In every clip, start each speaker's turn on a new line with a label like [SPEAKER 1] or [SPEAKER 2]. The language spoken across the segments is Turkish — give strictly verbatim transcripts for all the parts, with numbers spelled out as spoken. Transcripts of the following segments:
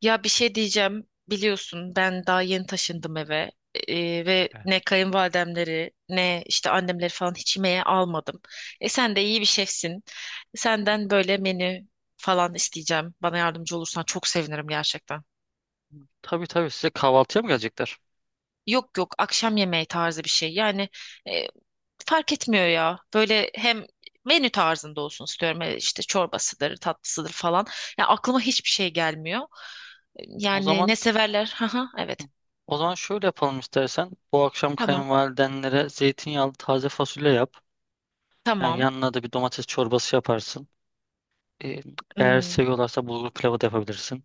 [SPEAKER 1] Ya bir şey diyeceğim. Biliyorsun ben daha yeni taşındım eve. Ee, ve
[SPEAKER 2] Evet.
[SPEAKER 1] ne kayınvalidemleri ne işte annemleri falan hiç yemeğe almadım. E sen de iyi bir şefsin. Senden böyle menü falan isteyeceğim. Bana yardımcı olursan çok sevinirim gerçekten.
[SPEAKER 2] Tabii tabii size kahvaltıya mı gelecekler?
[SPEAKER 1] Yok yok, akşam yemeği tarzı bir şey. Yani e, fark etmiyor ya. Böyle hem menü tarzında olsun istiyorum. E, İşte çorbasıdır, tatlısıdır falan. Ya aklıma hiçbir şey gelmiyor.
[SPEAKER 2] O
[SPEAKER 1] Yani
[SPEAKER 2] zaman
[SPEAKER 1] ne severler? Haha, evet.
[SPEAKER 2] o zaman şöyle yapalım istersen. Bu akşam
[SPEAKER 1] Tamam.
[SPEAKER 2] kayınvalidenlere zeytinyağlı taze fasulye yap. Yani
[SPEAKER 1] Tamam.
[SPEAKER 2] yanına da bir domates çorbası yaparsın. Ee, Eğer
[SPEAKER 1] Hmm,
[SPEAKER 2] seviyorlarsa bulgur pilavı da yapabilirsin.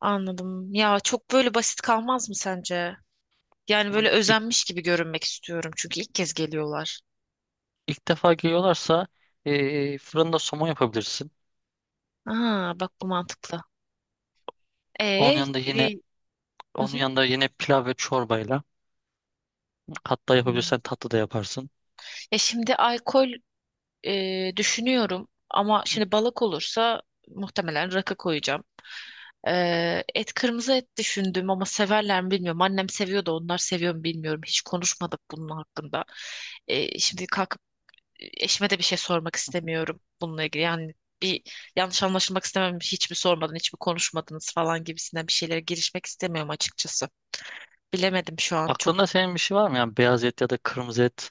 [SPEAKER 1] anladım. Ya çok böyle basit kalmaz mı sence? Yani böyle
[SPEAKER 2] İlk,
[SPEAKER 1] özenmiş gibi görünmek istiyorum çünkü ilk kez geliyorlar.
[SPEAKER 2] ilk defa geliyorlarsa ee, fırında somon yapabilirsin.
[SPEAKER 1] Aa, bak bu mantıklı.
[SPEAKER 2] Onun
[SPEAKER 1] E,
[SPEAKER 2] yanında yine
[SPEAKER 1] e, hı
[SPEAKER 2] onun
[SPEAKER 1] hı.
[SPEAKER 2] yanında yine pilav ve çorbayla hatta
[SPEAKER 1] Hmm.
[SPEAKER 2] yapabilirsen tatlı da yaparsın.
[SPEAKER 1] E şimdi alkol e, düşünüyorum ama şimdi balık olursa muhtemelen rakı koyacağım. E, et, kırmızı et düşündüm ama severler mi bilmiyorum. Annem seviyor da onlar seviyor mu bilmiyorum. Hiç konuşmadık bunun hakkında. E, şimdi kalkıp eşime de bir şey sormak istemiyorum bununla ilgili. Yani bir yanlış anlaşılmak istemem. Hiç mi sormadın, hiç mi konuşmadınız falan gibisinden bir şeylere girişmek istemiyorum açıkçası. Bilemedim şu an çok.
[SPEAKER 2] Aklında senin bir şey var mı? Yani beyaz et ya da kırmızı et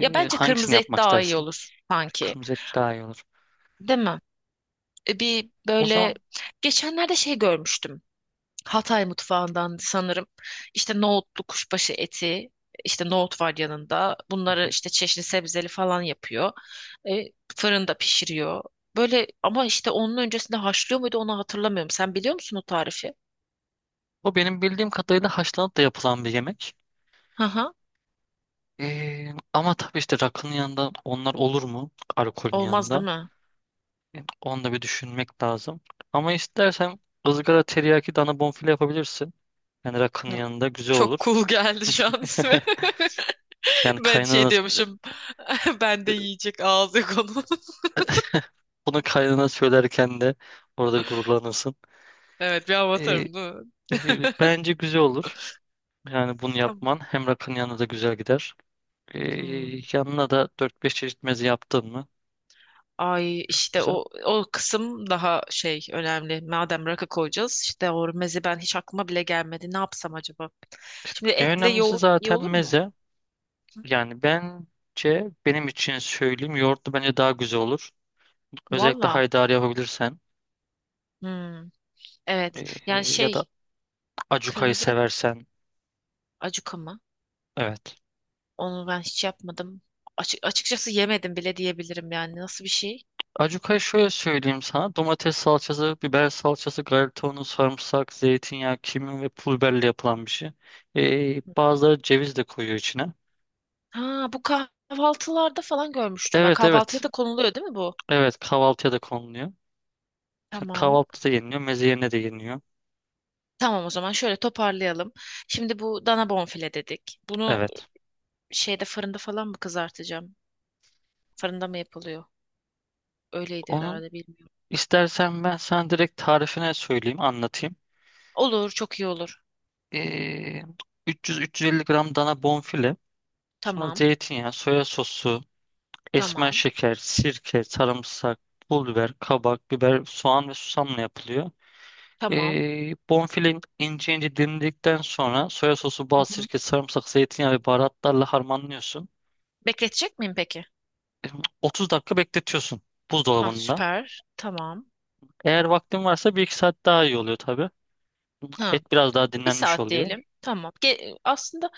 [SPEAKER 1] Ya bence
[SPEAKER 2] hangisini
[SPEAKER 1] kırmızı et
[SPEAKER 2] yapmak
[SPEAKER 1] daha iyi
[SPEAKER 2] istersin?
[SPEAKER 1] olur sanki.
[SPEAKER 2] Kırmızı et daha iyi olur.
[SPEAKER 1] Değil mi? E, Bir
[SPEAKER 2] O
[SPEAKER 1] böyle
[SPEAKER 2] zaman
[SPEAKER 1] geçenlerde şey görmüştüm. Hatay mutfağından sanırım. İşte nohutlu kuşbaşı eti, işte nohut var yanında.
[SPEAKER 2] hı
[SPEAKER 1] Bunları
[SPEAKER 2] hı,
[SPEAKER 1] işte çeşni sebzeli falan yapıyor. E, Fırında pişiriyor. Böyle ama işte onun öncesinde haşlıyor muydu onu hatırlamıyorum. Sen biliyor musun o tarifi?
[SPEAKER 2] bu benim bildiğim kadarıyla haşlanıp da yapılan bir yemek.
[SPEAKER 1] Hı hı.
[SPEAKER 2] Ee, ama tabii işte rakının yanında onlar olur mu? Alkolün
[SPEAKER 1] Olmaz değil
[SPEAKER 2] yanında.
[SPEAKER 1] mi?
[SPEAKER 2] Yani onu da bir düşünmek lazım. Ama istersen ızgara teriyaki dana bonfile yapabilirsin. Yani rakının
[SPEAKER 1] Hı.
[SPEAKER 2] yanında güzel
[SPEAKER 1] Çok
[SPEAKER 2] olur.
[SPEAKER 1] cool geldi şu an ismi.
[SPEAKER 2] Yani
[SPEAKER 1] Ben
[SPEAKER 2] kaynana,
[SPEAKER 1] şey diyormuşum. Ben de yiyecek ağzı konu.
[SPEAKER 2] bunu kaynana söylerken de orada bir gururlanırsın.
[SPEAKER 1] Evet bir
[SPEAKER 2] Ee,
[SPEAKER 1] avatarım değil mi?
[SPEAKER 2] e, Bence güzel olur. Yani bunu
[SPEAKER 1] Tamam.
[SPEAKER 2] yapman hem rakının yanında da güzel gider. Ee,
[SPEAKER 1] Hmm.
[SPEAKER 2] Yanına da dört beş çeşit meze yaptın mı?
[SPEAKER 1] Ay işte
[SPEAKER 2] Güzel.
[SPEAKER 1] o o kısım daha şey önemli. Madem rakı koyacağız, işte o meze ben hiç aklıma bile gelmedi. Ne yapsam acaba? Şimdi
[SPEAKER 2] En
[SPEAKER 1] etle
[SPEAKER 2] önemlisi
[SPEAKER 1] yoğurt iyi
[SPEAKER 2] zaten
[SPEAKER 1] olur mu?
[SPEAKER 2] meze. Yani bence benim için söyleyeyim yoğurtlu bence daha güzel olur. Özellikle
[SPEAKER 1] Valla.
[SPEAKER 2] haydari yapabilirsen
[SPEAKER 1] Hmm, evet. Yani
[SPEAKER 2] e, ya da
[SPEAKER 1] şey,
[SPEAKER 2] acukayı
[SPEAKER 1] kırmızı et
[SPEAKER 2] seversen.
[SPEAKER 1] acuka mı?
[SPEAKER 2] Evet.
[SPEAKER 1] Onu ben hiç yapmadım. Açık, açıkçası yemedim bile diyebilirim yani. Nasıl bir şey?
[SPEAKER 2] Acukayı şöyle söyleyeyim sana. Domates salçası, biber salçası, galeta unu, sarımsak, zeytinyağı, kimyon ve pul biberle yapılan bir şey. E, bazıları ceviz de koyuyor içine.
[SPEAKER 1] Ha, bu kahvaltılarda falan görmüştüm ben.
[SPEAKER 2] Evet,
[SPEAKER 1] Kahvaltıya
[SPEAKER 2] evet.
[SPEAKER 1] da konuluyor değil mi bu?
[SPEAKER 2] Evet, kahvaltıya da konuluyor.
[SPEAKER 1] Tamam.
[SPEAKER 2] Kahvaltıda yeniliyor. Meze yerine de yeniliyor.
[SPEAKER 1] Tamam, o zaman şöyle toparlayalım. Şimdi bu dana bonfile dedik. Bunu
[SPEAKER 2] Evet.
[SPEAKER 1] şeyde, fırında falan mı kızartacağım? Fırında mı yapılıyor? Öyleydi
[SPEAKER 2] onun
[SPEAKER 1] herhalde, bilmiyorum.
[SPEAKER 2] İstersen ben sana direkt tarifine söyleyeyim, anlatayım.
[SPEAKER 1] Olur, çok iyi olur.
[SPEAKER 2] Ee, üç yüz üç yüz elli gram dana bonfile, sonra
[SPEAKER 1] Tamam,
[SPEAKER 2] zeytinyağı, soya sosu, esmer
[SPEAKER 1] tamam,
[SPEAKER 2] şeker, sirke, sarımsak, pul biber, kabak, biber, soğan ve susamla yapılıyor.
[SPEAKER 1] tamam.
[SPEAKER 2] Ee, bonfile ince ince dilimledikten sonra soya sosu,
[SPEAKER 1] Hı
[SPEAKER 2] bal,
[SPEAKER 1] hı.
[SPEAKER 2] sirke, sarımsak, zeytinyağı ve baharatlarla harmanlıyorsun.
[SPEAKER 1] Bekletecek miyim peki?
[SPEAKER 2] Ee, otuz dakika bekletiyorsun
[SPEAKER 1] Ha,
[SPEAKER 2] buzdolabında.
[SPEAKER 1] süper. Tamam.
[SPEAKER 2] Eğer vaktin varsa bir iki saat daha iyi oluyor tabii.
[SPEAKER 1] Ha,
[SPEAKER 2] Et biraz
[SPEAKER 1] tamam.
[SPEAKER 2] daha
[SPEAKER 1] Bir
[SPEAKER 2] dinlenmiş
[SPEAKER 1] saat
[SPEAKER 2] oluyor.
[SPEAKER 1] diyelim. Tamam. Ge- aslında,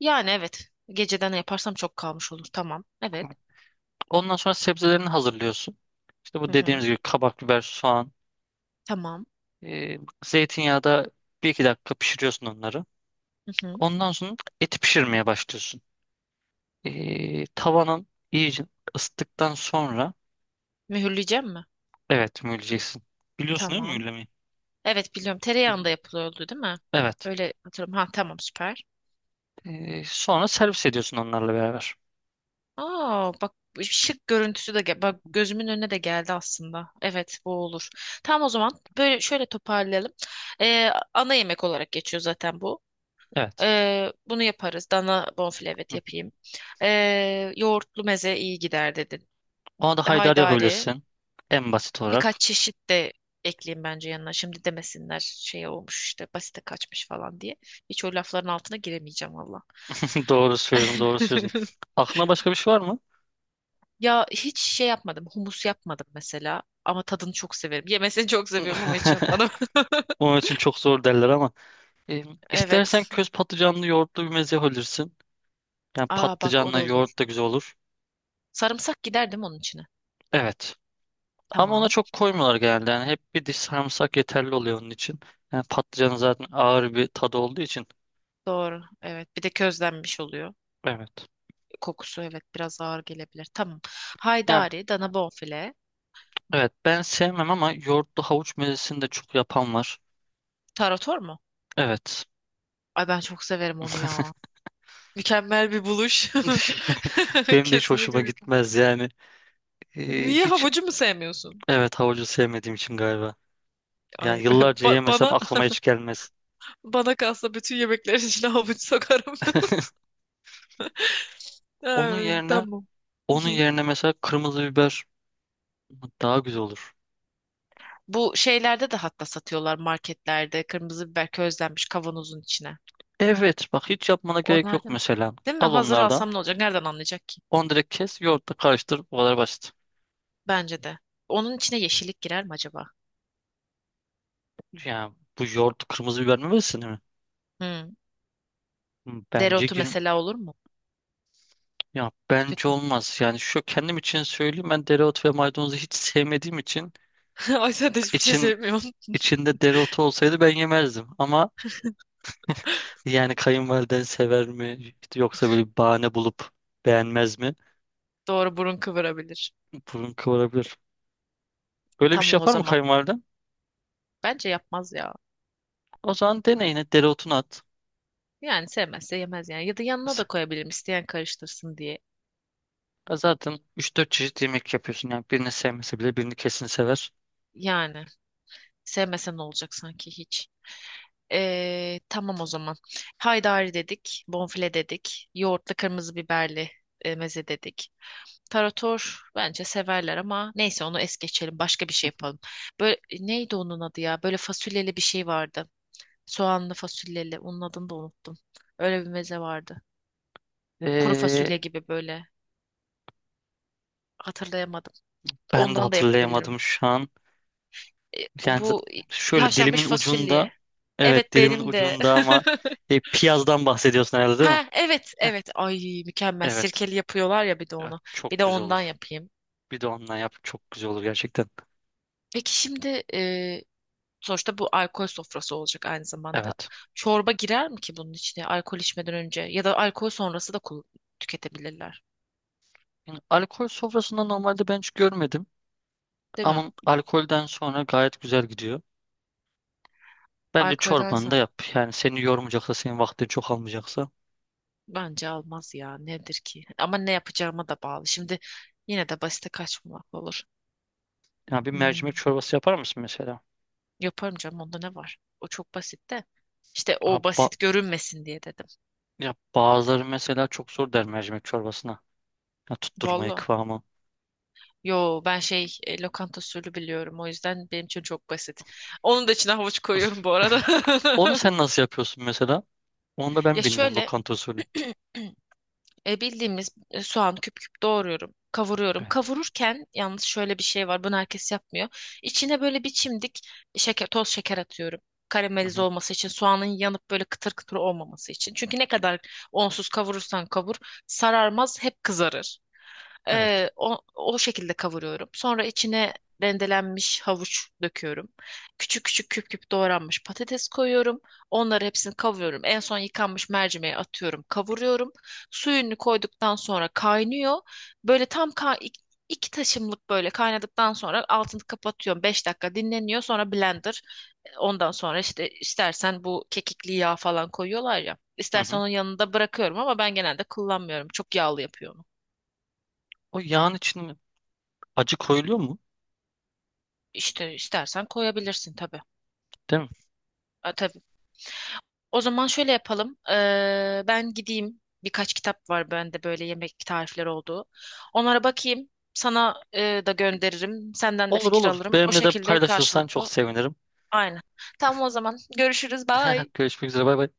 [SPEAKER 1] yani evet. Geceden yaparsam çok kalmış olur. Tamam. Evet.
[SPEAKER 2] Ondan sonra sebzelerini hazırlıyorsun. İşte bu
[SPEAKER 1] Hı
[SPEAKER 2] dediğimiz
[SPEAKER 1] hı.
[SPEAKER 2] gibi kabak, biber, soğan,
[SPEAKER 1] Tamam.
[SPEAKER 2] e, zeytinyağda bir iki dakika pişiriyorsun onları.
[SPEAKER 1] Hı hı.
[SPEAKER 2] Ondan sonra eti pişirmeye başlıyorsun. E, tavanın iyice ısıttıktan sonra
[SPEAKER 1] Mühürleyeceğim mi?
[SPEAKER 2] evet mühürleyeceksin. Biliyorsun değil mi
[SPEAKER 1] Tamam.
[SPEAKER 2] mühürlemeyi?
[SPEAKER 1] Evet, biliyorum.
[SPEAKER 2] Hı hı.
[SPEAKER 1] Tereyağında yapılıyordu değil mi?
[SPEAKER 2] Evet.
[SPEAKER 1] Öyle hatırlıyorum. Ha, tamam, süper.
[SPEAKER 2] E, sonra servis ediyorsun onlarla beraber.
[SPEAKER 1] Aa, bak şık görüntüsü de gel bak gözümün önüne de geldi aslında. Evet, bu olur. Tamam, o zaman böyle şöyle toparlayalım. Ee, Ana yemek olarak geçiyor zaten bu.
[SPEAKER 2] Evet.
[SPEAKER 1] Ee, bunu yaparız. Dana bonfile,
[SPEAKER 2] Hı
[SPEAKER 1] evet,
[SPEAKER 2] hı.
[SPEAKER 1] yapayım. Ee, yoğurtlu meze iyi gider dedin.
[SPEAKER 2] Ona da haydar
[SPEAKER 1] Haydari,
[SPEAKER 2] yapabilirsin. En basit olarak.
[SPEAKER 1] birkaç çeşit de ekleyeyim bence yanına. Şimdi demesinler şey olmuş işte, basite kaçmış falan diye. Hiç o lafların altına giremeyeceğim valla.
[SPEAKER 2] Doğru söylüyorsun, doğru söylüyorsun. Aklına başka bir şey var mı?
[SPEAKER 1] Ya hiç şey yapmadım. Humus yapmadım mesela. Ama tadını çok severim. Yemesini çok seviyorum ama hiç yapmadım.
[SPEAKER 2] Onun için çok zor derler ama. E, istersen
[SPEAKER 1] Evet.
[SPEAKER 2] köz patlıcanlı yoğurtlu bir meze olursun. Yani
[SPEAKER 1] Aa, bak o da
[SPEAKER 2] patlıcanla
[SPEAKER 1] olur.
[SPEAKER 2] yoğurt da güzel olur.
[SPEAKER 1] Sarımsak gider değil mi onun içine?
[SPEAKER 2] Evet. Ama ona
[SPEAKER 1] Tamam.
[SPEAKER 2] çok koymuyorlar genelde. Yani hep bir diş sarımsak yeterli oluyor onun için. Yani patlıcanın zaten ağır bir tadı olduğu için.
[SPEAKER 1] Doğru. Evet. Bir de közlenmiş oluyor.
[SPEAKER 2] Evet.
[SPEAKER 1] Kokusu, evet, biraz ağır gelebilir. Tamam.
[SPEAKER 2] Yani
[SPEAKER 1] Haydari, dana bonfile.
[SPEAKER 2] evet, ben sevmem ama yoğurtlu havuç mezesini de çok yapan var.
[SPEAKER 1] Tarator mu?
[SPEAKER 2] Evet.
[SPEAKER 1] Ay, ben çok severim onu ya. Mükemmel bir buluş.
[SPEAKER 2] Benim de hiç
[SPEAKER 1] Kesinlikle
[SPEAKER 2] hoşuma
[SPEAKER 1] mükemmel.
[SPEAKER 2] gitmez yani. Ee,
[SPEAKER 1] Niye,
[SPEAKER 2] hiç
[SPEAKER 1] havucu mu sevmiyorsun?
[SPEAKER 2] Evet, havucu sevmediğim için galiba.
[SPEAKER 1] Ay,
[SPEAKER 2] Yani yıllarca
[SPEAKER 1] ba-
[SPEAKER 2] yemesem
[SPEAKER 1] bana
[SPEAKER 2] aklıma hiç gelmez.
[SPEAKER 1] bana kalsa bütün yemeklerin içine havuç sokarım.
[SPEAKER 2] Onun
[SPEAKER 1] Ay,
[SPEAKER 2] yerine
[SPEAKER 1] tamam. Hı
[SPEAKER 2] onun
[SPEAKER 1] hı.
[SPEAKER 2] yerine mesela kırmızı biber daha güzel olur.
[SPEAKER 1] Bu şeylerde de hatta satıyorlar marketlerde. Kırmızı biber, közlenmiş, kavanozun içine.
[SPEAKER 2] Evet, bak hiç yapmana gerek
[SPEAKER 1] Onlar
[SPEAKER 2] yok
[SPEAKER 1] da mı?
[SPEAKER 2] mesela.
[SPEAKER 1] Değil mi?
[SPEAKER 2] Al
[SPEAKER 1] Hazır
[SPEAKER 2] onlardan.
[SPEAKER 1] alsam ne olacak? Nereden anlayacak ki?
[SPEAKER 2] Onu direkt kes, yoğurtla karıştır. Bu kadar basit.
[SPEAKER 1] Bence de. Onun içine yeşillik girer mi acaba?
[SPEAKER 2] Ya bu yoğurt kırmızı biber mi versin mi?
[SPEAKER 1] Hmm.
[SPEAKER 2] Hmm, bence
[SPEAKER 1] Dereotu
[SPEAKER 2] gir.
[SPEAKER 1] mesela olur mu?
[SPEAKER 2] Ya bence
[SPEAKER 1] Kötü mü?
[SPEAKER 2] olmaz. Yani şu kendim için söyleyeyim, ben dereotu ve maydanozu hiç sevmediğim için
[SPEAKER 1] Ay, sen de hiçbir şey
[SPEAKER 2] için
[SPEAKER 1] sevmiyorsun.
[SPEAKER 2] içinde dereotu olsaydı ben yemezdim. Ama yani kayınvaliden sever mi? İşte yoksa böyle bir bahane bulup beğenmez mi?
[SPEAKER 1] Doğru, burun kıvırabilir.
[SPEAKER 2] Burun kıvırabilir. Böyle bir şey
[SPEAKER 1] Tamam, o
[SPEAKER 2] yapar mı
[SPEAKER 1] zaman.
[SPEAKER 2] kayınvaliden?
[SPEAKER 1] Bence yapmaz ya.
[SPEAKER 2] O zaman deneyine dereotunu at.
[SPEAKER 1] Yani sevmezse yemez yani. Ya da yanına da koyabilirim, isteyen karıştırsın diye.
[SPEAKER 2] Ya zaten üç dört çeşit yemek yapıyorsun. Yani birini sevmese bile birini kesin sever.
[SPEAKER 1] Yani. Sevmesen ne olacak sanki hiç. Ee, tamam, o zaman. Haydari dedik, bonfile dedik, yoğurtlu kırmızı biberli e, meze dedik. Tarator bence severler ama neyse, onu es geçelim. Başka bir şey yapalım. Böyle neydi onun adı ya? Böyle fasulyeli bir şey vardı. Soğanlı fasulyeli. Onun adını da unuttum. Öyle bir meze vardı. Kuru fasulye
[SPEAKER 2] Ee,
[SPEAKER 1] gibi böyle. Hatırlayamadım.
[SPEAKER 2] Ben de
[SPEAKER 1] Ondan da yapabilirim.
[SPEAKER 2] hatırlayamadım şu an.
[SPEAKER 1] E,
[SPEAKER 2] Yani z-
[SPEAKER 1] bu
[SPEAKER 2] Şöyle dilimin
[SPEAKER 1] haşlanmış
[SPEAKER 2] ucunda.
[SPEAKER 1] fasulye.
[SPEAKER 2] Evet,
[SPEAKER 1] Evet,
[SPEAKER 2] dilimin
[SPEAKER 1] benim de.
[SPEAKER 2] ucunda ama e, piyazdan bahsediyorsun herhalde değil mi?
[SPEAKER 1] Ha, evet evet, ay mükemmel,
[SPEAKER 2] Evet.
[SPEAKER 1] sirkeli yapıyorlar ya, bir de
[SPEAKER 2] Ya,
[SPEAKER 1] onu, bir
[SPEAKER 2] çok
[SPEAKER 1] de
[SPEAKER 2] güzel
[SPEAKER 1] ondan
[SPEAKER 2] olur.
[SPEAKER 1] yapayım.
[SPEAKER 2] Bir de onunla yap, çok güzel olur gerçekten.
[SPEAKER 1] Peki şimdi e, sonuçta bu alkol sofrası olacak aynı zamanda.
[SPEAKER 2] Evet.
[SPEAKER 1] Çorba girer mi ki bunun içine alkol içmeden önce, ya da alkol sonrası da kul- tüketebilirler
[SPEAKER 2] Yani alkol sofrasında normalde ben hiç görmedim.
[SPEAKER 1] değil mi?
[SPEAKER 2] Ama alkolden sonra gayet güzel gidiyor. Bence
[SPEAKER 1] Alkolden
[SPEAKER 2] çorbanı da
[SPEAKER 1] sonra
[SPEAKER 2] yap. Yani seni yormayacaksa, senin vaktini çok almayacaksa.
[SPEAKER 1] bence almaz ya, nedir ki ama ne yapacağıma da bağlı. Şimdi yine de basite kaçmamak olur.
[SPEAKER 2] Yani bir
[SPEAKER 1] Hmm,
[SPEAKER 2] mercimek çorbası yapar mısın mesela?
[SPEAKER 1] yaparım canım, onda ne var? O çok basit de, İşte
[SPEAKER 2] Ha,
[SPEAKER 1] o
[SPEAKER 2] ba-
[SPEAKER 1] basit görünmesin diye dedim.
[SPEAKER 2] Ya bazıları mesela çok zor der mercimek çorbasına. Ya tutturmayı,
[SPEAKER 1] Vallahi.
[SPEAKER 2] kıvamı.
[SPEAKER 1] Yo, ben şey, e, lokanta usulü biliyorum, o yüzden benim için çok basit. Onun da içine havuç koyuyorum bu arada.
[SPEAKER 2] Onu sen nasıl yapıyorsun mesela? Onu da
[SPEAKER 1] Ya
[SPEAKER 2] ben bilmiyorum
[SPEAKER 1] şöyle,
[SPEAKER 2] lokanta usulü.
[SPEAKER 1] e, bildiğimiz e, soğan, küp küp doğruyorum. Kavuruyorum.
[SPEAKER 2] Evet.
[SPEAKER 1] Kavururken yalnız şöyle bir şey var. Bunu herkes yapmıyor. İçine böyle bir çimdik şeker, toz şeker atıyorum.
[SPEAKER 2] Hı
[SPEAKER 1] Karamelize
[SPEAKER 2] hı.
[SPEAKER 1] olması için, soğanın yanıp böyle kıtır kıtır olmaması için. Çünkü ne kadar onsuz kavurursan kavur, sararmaz, hep kızarır.
[SPEAKER 2] Evet.
[SPEAKER 1] Ee, o, o şekilde kavuruyorum. Sonra içine rendelenmiş havuç döküyorum. Küçük küçük, küp küp doğranmış patates koyuyorum. Onları hepsini kavuruyorum. En son yıkanmış mercimeği atıyorum, kavuruyorum. Suyunu koyduktan sonra kaynıyor. Böyle tam ka ik- iki taşımlık böyle kaynadıktan sonra altını kapatıyorum. Beş dakika dinleniyor. Sonra blender. Ondan sonra işte istersen bu kekikli yağ falan koyuyorlar ya.
[SPEAKER 2] Hı
[SPEAKER 1] İstersen
[SPEAKER 2] hı.
[SPEAKER 1] onun yanında bırakıyorum ama ben genelde kullanmıyorum. Çok yağlı yapıyorum.
[SPEAKER 2] O yağın içine acı koyuluyor mu?
[SPEAKER 1] İşte istersen koyabilirsin tabii.
[SPEAKER 2] Değil mi?
[SPEAKER 1] Ha, tabii. O zaman şöyle yapalım. Ee, ben gideyim. Birkaç kitap var bende böyle yemek tarifleri olduğu. Onlara bakayım. Sana e, da gönderirim. Senden de
[SPEAKER 2] Olur,
[SPEAKER 1] fikir
[SPEAKER 2] olur.
[SPEAKER 1] alırım. O
[SPEAKER 2] Benimle de
[SPEAKER 1] şekilde,
[SPEAKER 2] paylaşırsan çok
[SPEAKER 1] karşılıklı.
[SPEAKER 2] sevinirim.
[SPEAKER 1] Aynen. Tamam, o zaman. Görüşürüz. Bye.
[SPEAKER 2] Görüşmek üzere. Bay bay.